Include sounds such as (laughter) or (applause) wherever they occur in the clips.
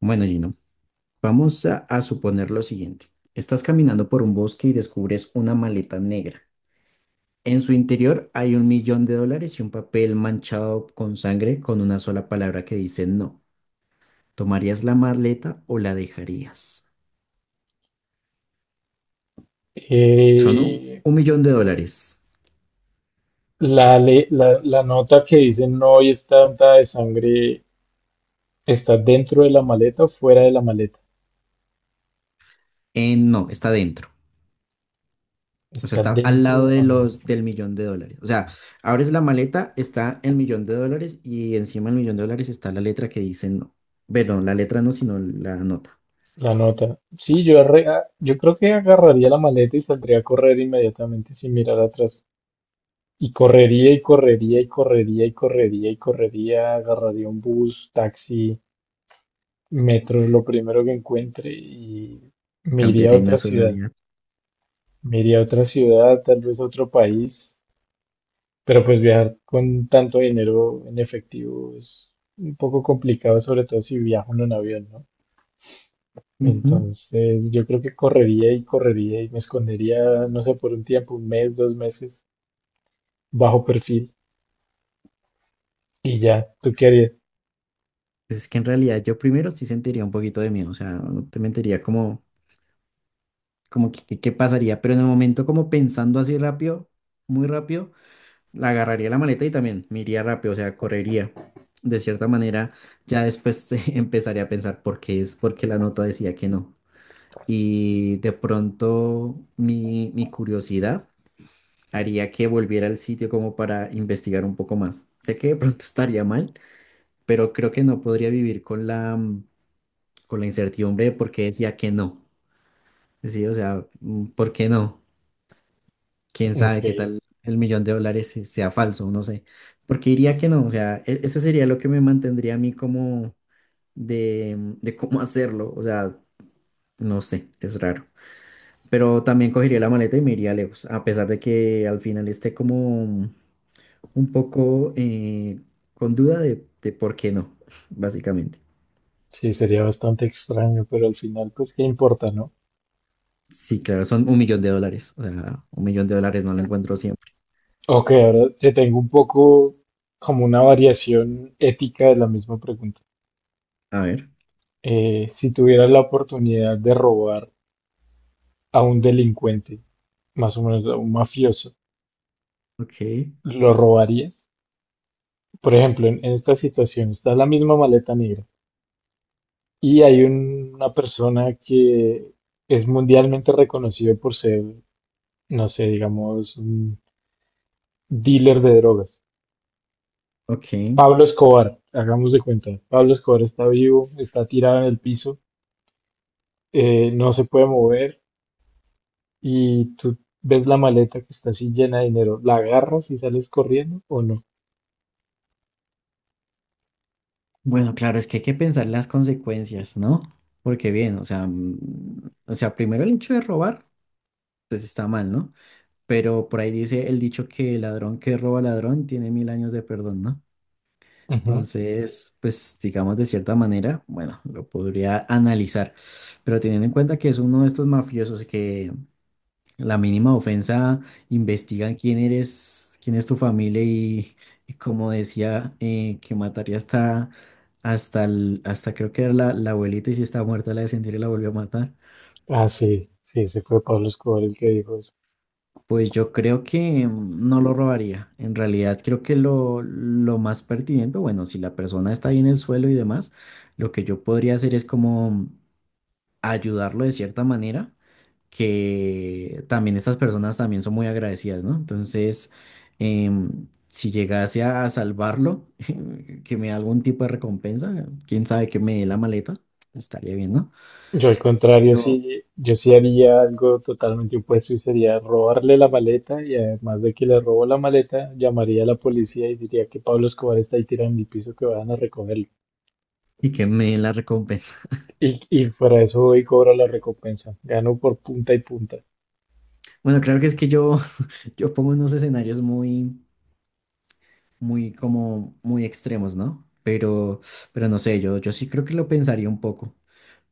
Bueno, Gino, vamos a suponer lo siguiente. Estás caminando por un bosque y descubres una maleta negra. En su interior hay un millón de dólares y un papel manchado con sangre con una sola palabra que dice no. ¿Tomarías la maleta o la dejarías? Son un, Eh, un millón de dólares. la nota que dice no y está untada de sangre está dentro de la maleta o fuera de la maleta. No, está dentro. O sea, Está está al dentro lado de de la los maleta. del millón de dólares. O sea, abres la maleta, está el millón de dólares y encima del millón de dólares está la letra que dice no. Bueno, la letra no, sino la nota. La nota. Sí, yo creo que agarraría la maleta y saldría a correr inmediatamente sin mirar atrás. Y correría y correría y correría y correría y correría. Agarraría un bus, taxi, metro, lo primero que encuentre y me iría a Cambiaré en otra ciudad. nacionalidad. Me iría a otra ciudad, tal vez a otro país. Pero pues viajar con tanto dinero en efectivo es un poco complicado, sobre todo si viajo uno en un avión, ¿no? Ujú. Entonces yo creo que correría y correría y me escondería, no sé, por un tiempo, un mes, dos meses, bajo perfil y ya, ¿tú qué harías? Pues es que en realidad yo primero sí sentiría un poquito de miedo, o sea, no te mentiría como, como qué pasaría, pero en el momento como pensando así rápido, muy rápido, la agarraría la maleta y también me iría rápido, o sea, correría. De cierta manera, ya después (laughs) empezaría a pensar por qué es, porque la nota decía que no. Y de pronto mi curiosidad haría que volviera al sitio como para investigar un poco más. Sé que de pronto estaría mal, pero creo que no podría vivir con la, con la incertidumbre de por qué decía que no. Sí, o sea, ¿por qué no? ¿Quién Ok, sabe qué tal el millón de dólares sea falso? No sé. Porque diría que no, o sea, ese sería lo que me mantendría a mí como de cómo hacerlo, o sea, no sé, es raro. Pero también cogería la maleta y me iría lejos, a pesar de que al final esté como un poco con duda de por qué no, (laughs) básicamente. sí, sería bastante extraño, pero al final pues qué importa, ¿no? Sí, claro, son un millón de dólares. O sea, un millón de dólares no lo encuentro siempre. Ok, ahora te tengo un poco como una variación ética de la misma pregunta. A ver, Si tuvieras la oportunidad de robar a un delincuente, más o menos a un mafioso, ok, ¿lo robarías? Por ejemplo, en esta situación está la misma maleta negra y hay una persona que es mundialmente reconocido por ser, no sé, digamos, un dealer de drogas. ok. Pablo Escobar, hagamos de cuenta, Pablo Escobar está vivo, está tirado en el piso, no se puede mover y tú ves la maleta que está así llena de dinero, ¿la agarras y sales corriendo o no? Bueno, claro, es que hay que pensar las consecuencias, ¿no? Porque bien, o sea, o sea, primero el hecho de robar, pues está mal, ¿no? Pero por ahí dice el dicho que el ladrón que roba ladrón tiene mil años de perdón, ¿no? Entonces, pues digamos de cierta manera, bueno, lo podría analizar, pero teniendo en cuenta que es uno de estos mafiosos que la mínima ofensa investigan quién eres, quién es tu familia y como decía, que mataría hasta, hasta, hasta creo que era la abuelita y si estaba muerta la descendiera y la volvió a matar. Ah, sí, sí, se fue Pablo Escobar el que dijo eso. Pues yo creo que no lo robaría. En realidad creo que lo más pertinente, bueno, si la persona está ahí en el suelo y demás, lo que yo podría hacer es como ayudarlo de cierta manera que también estas personas también son muy agradecidas, ¿no? Entonces, si llegase a salvarlo, (laughs) que me dé algún tipo de recompensa, quién sabe que me dé la maleta, estaría bien, ¿no? Yo al contrario, Pero, sí, yo sí haría algo totalmente opuesto y sería robarle la maleta y además de que le robo la maleta, llamaría a la policía y diría que Pablo Escobar está ahí tirado en el piso que vayan a recogerlo. y que me dé la recompensa. (laughs) Y fuera de eso voy y cobro la recompensa. Gano por punta y punta. Bueno, claro que es que yo, (laughs) yo pongo unos escenarios muy... muy como muy extremos, ¿no? Pero no sé, yo sí creo que lo pensaría un poco.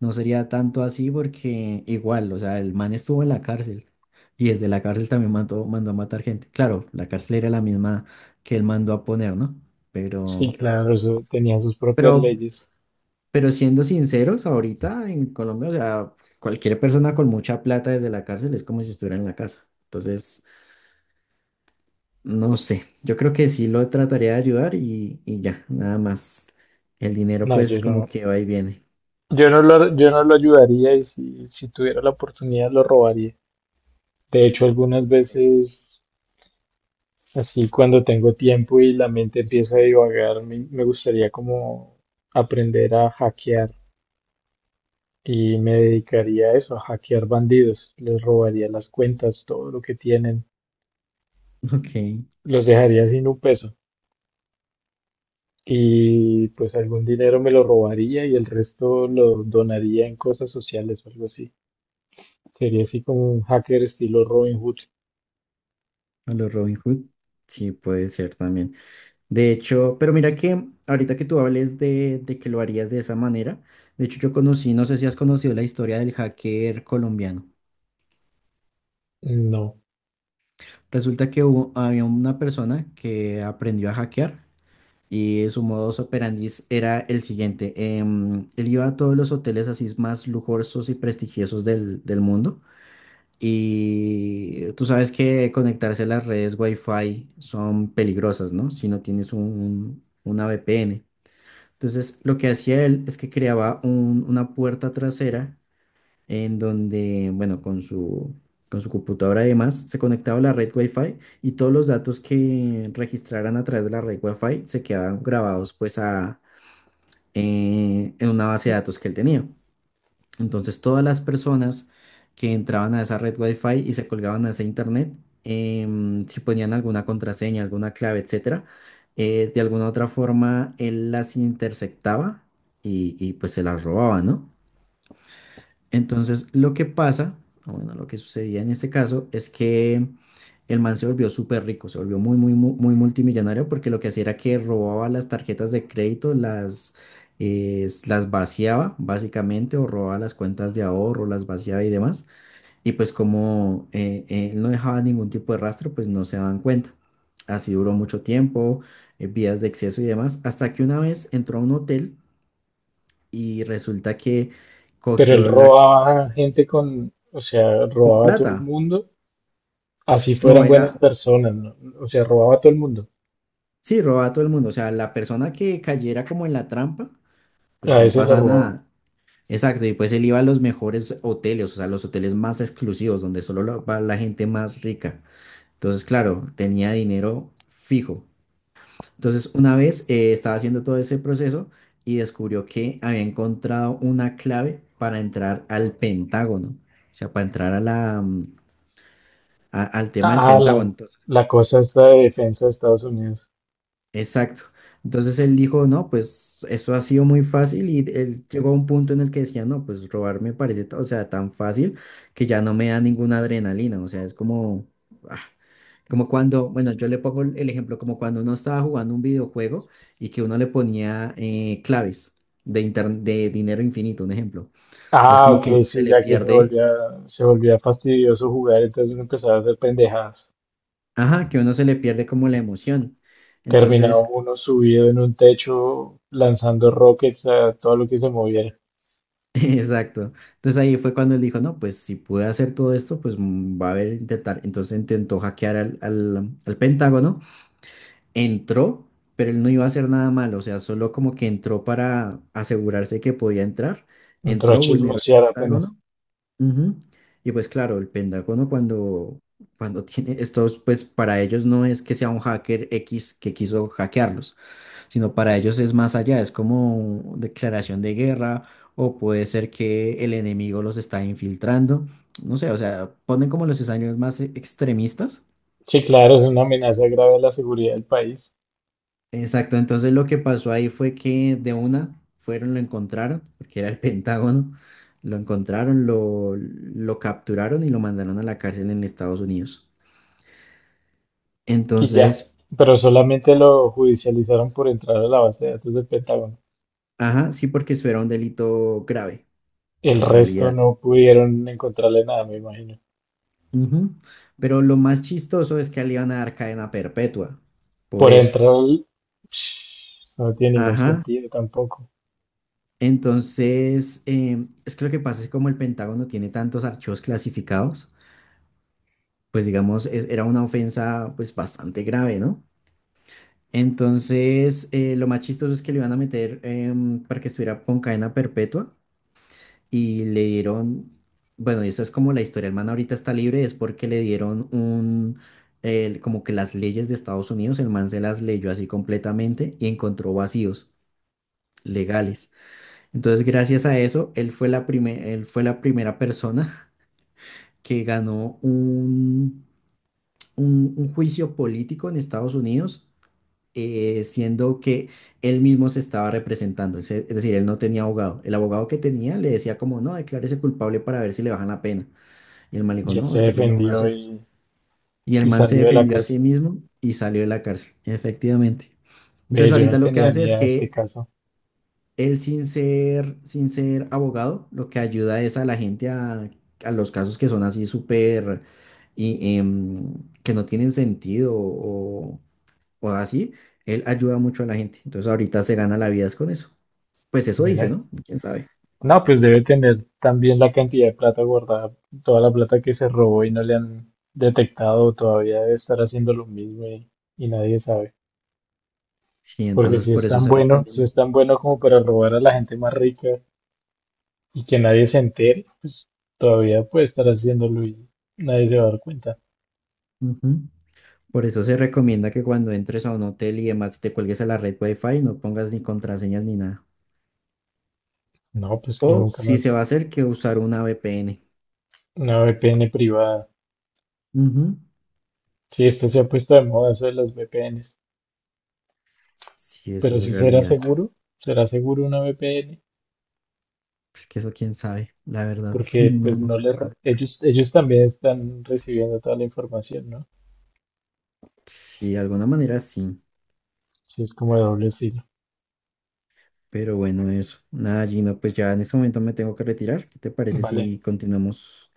No sería tanto así porque igual, o sea, el man estuvo en la cárcel y desde la cárcel también mandó a matar gente. Claro, la cárcel era la misma que él mandó a poner, ¿no? Sí, Pero, claro, eso tenía sus propias pero, leyes. pero siendo sinceros, ahorita en Colombia, o sea, cualquier persona con mucha plata desde la cárcel es como si estuviera en la casa. Entonces, no sé, yo creo que sí lo trataría de ayudar y ya, nada más. El dinero No, pues yo como no, que va y viene. (laughs) yo no lo, yo no lo ayudaría y si tuviera la oportunidad lo robaría. De hecho, algunas Eh, veces, así cuando tengo tiempo y la mente empieza a divagar, me gustaría como aprender a hackear y me dedicaría a eso, a hackear bandidos. Les robaría las cuentas, todo lo que tienen, ok, los dejaría sin un peso y pues algún dinero me lo robaría y el resto lo donaría en cosas sociales o algo así. Sería así como un hacker estilo Robin Hood. a los Robin Hood. Sí, puede ser también. De hecho, pero mira que ahorita que tú hables de que lo harías de esa manera, de hecho yo conocí, no sé si has conocido la historia del hacker colombiano. No, Resulta que hubo, había una persona que aprendió a hackear. Y su modus operandi era el siguiente. Él iba a todos los hoteles así más lujosos y prestigiosos del mundo. Y tú sabes que conectarse a las redes Wi-Fi son peligrosas, ¿no? Si no tienes una VPN. Entonces, lo que hacía él es que creaba una puerta trasera en donde, bueno, con con su computadora y demás, se conectaba a la red Wi-Fi y todos los datos que registraran a través de la red Wi-Fi se quedaban grabados pues en una base de datos que él tenía. Entonces todas las personas que entraban a esa red Wi-Fi y se colgaban a ese internet, si ponían alguna contraseña, alguna clave, etcétera, de alguna u otra forma él las interceptaba y pues se las robaba, ¿no? Entonces, lo que pasa, o bueno, lo que sucedía en este caso es que el man se volvió súper rico, se volvió muy multimillonario porque lo que hacía era que robaba las tarjetas de crédito, las vaciaba básicamente, o robaba las cuentas de ahorro, las vaciaba y demás. Y pues como él no dejaba ningún tipo de rastro, pues no se daban cuenta. Así duró mucho tiempo, vías de exceso y demás, hasta que una vez entró a un hotel y resulta que pero él cogió la robaba gente con, o sea, con robaba a todo el plata. mundo, así No, fueran buenas era, personas, ¿no? O sea, robaba a todo el mundo. sí, robaba a todo el mundo. O sea, la persona que cayera como en la trampa, pues A no ese lo pasa robaba. nada. Exacto, y pues él iba a los mejores hoteles, o sea, los hoteles más exclusivos, donde solo va la gente más rica. Entonces, claro, tenía dinero fijo. Entonces, una vez estaba haciendo todo ese proceso y descubrió que había encontrado una clave para entrar al Pentágono, o sea, para entrar a al tema del Ah, la, Pentágono. la cosa esta de defensa de Estados Unidos. Exacto. Entonces él dijo, no, pues eso ha sido muy fácil y él llegó a un punto en el que decía, no, pues robar me parece, o sea, tan fácil que ya no me da ninguna adrenalina, o sea, es como, ah, como cuando, bueno, yo le pongo el ejemplo, como cuando uno estaba jugando un videojuego y que uno le ponía claves de, de dinero infinito, un ejemplo. Entonces Ah, como que ok, se sí, le ya que se pierde, volvía, se volvía fastidioso jugar, entonces uno empezaba a hacer pendejadas. ajá, que uno se le pierde como la emoción. Terminaba Entonces uno subido en un techo lanzando rockets a todo lo que se moviera. (laughs) exacto. Entonces ahí fue cuando él dijo, no, pues si puede hacer todo esto, pues va a haber intentar. Entonces intentó hackear al Pentágono, entró, pero él no iba a hacer nada malo, o sea, solo como que entró para asegurarse que podía entrar, Entró a entró, vulneró el chismosear apenas. Pentágono. Ujú. Y pues claro, el Pentágono cuando, cuando (laughs) tiene estos, pues para ellos no es que sea un hacker X que quiso hackearlos sino para ellos es más allá, es como declaración de guerra o puede ser que el enemigo los está infiltrando, no sé, o sea, ponen como los escenarios más extremistas. Sí, claro, es una amenaza grave a la seguridad del país. Exacto, entonces lo que pasó ahí fue que de una fueron, lo encontraron, porque era el (laughs) Pentágono, lo encontraron, lo capturaron y lo mandaron a la cárcel en Estados Unidos. Y ya. Entonces, Pero solamente lo judicializaron por entrar a la base de datos del Pentágono. ajá, sí, porque eso era un delito grave, El en resto realidad. no pudieron encontrarle nada, me imagino. Ujú. Pero lo más chistoso es que a él le iban a dar cadena perpetua, por Por eso. entrar, eso no tiene ningún Ajá. sentido tampoco. Entonces, es que lo que pasa es que como el Pentágono tiene tantos archivos clasificados, pues digamos, era una ofensa pues bastante grave, ¿no? Entonces, lo más chistoso es que le iban a meter para que estuviera con cadena perpetua, y le dieron, bueno, y esa es como la historia, el man ahorita está libre, es porque le dieron un, como que las leyes de Estados Unidos, el man se las leyó así completamente y encontró vacíos legales. Entonces, gracias a eso, él fue la él fue la primera persona (laughs) que ganó un, un juicio político en Estados Unidos, siendo que él mismo se estaba representando, es decir, él no tenía abogado. El abogado que tenía le decía como, no, declárese culpable para ver si le bajan la pena. Y el man le dijo, Y él no, se es que yo no voy a defendió hacer eso. y, Y el y man se salió de la defendió a sí cárcel. mismo y salió de la cárcel, efectivamente. Ve, Entonces yo no ahorita lo que tenía hace ni es idea de este que caso. él sin ser, sin ser abogado, lo que ayuda es a la gente a los casos que son así súper y que no tienen sentido o así. Él ayuda mucho a la gente. Entonces ahorita se gana la vida es con eso. Pues eso Ven dice, ahí. ¿no? ¿Quién sabe? No, pues debe tener también la cantidad de plata guardada, toda la plata que se robó y no le han detectado, todavía debe estar haciendo lo mismo y nadie sabe. Sí, Porque entonces si es por eso tan se bueno, si recomienda. es tan bueno como para robar a la gente más rica, y que nadie se entere, pues todavía puede estar haciéndolo y nadie se va a dar cuenta. Ujú. Por eso se recomienda que cuando entres a un hotel y demás te cuelgues a la red Wi-Fi, no pongas ni contraseñas ni nada. No, pues que O nunca si se más va a hacer, que usar una VPN. una VPN privada. Ujú. Sí, esto se ha puesto de moda eso de las VPNs, Sí, eso pero si es será realidad. seguro, será seguro una VPN, Es que eso quién sabe, la verdad, (laughs) porque no pues no nunca le sabe. ro- ellos ellos también están recibiendo toda la información, ¿no? Sí, de alguna manera sí. Sí, es como de doble filo. Pero bueno, eso. Nada, Gino, pues ya en este momento me tengo que retirar. ¿Qué te parece Vale, si continuamos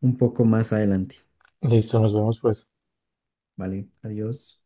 un poco más adelante? listo, nos vemos pues. Vale, adiós.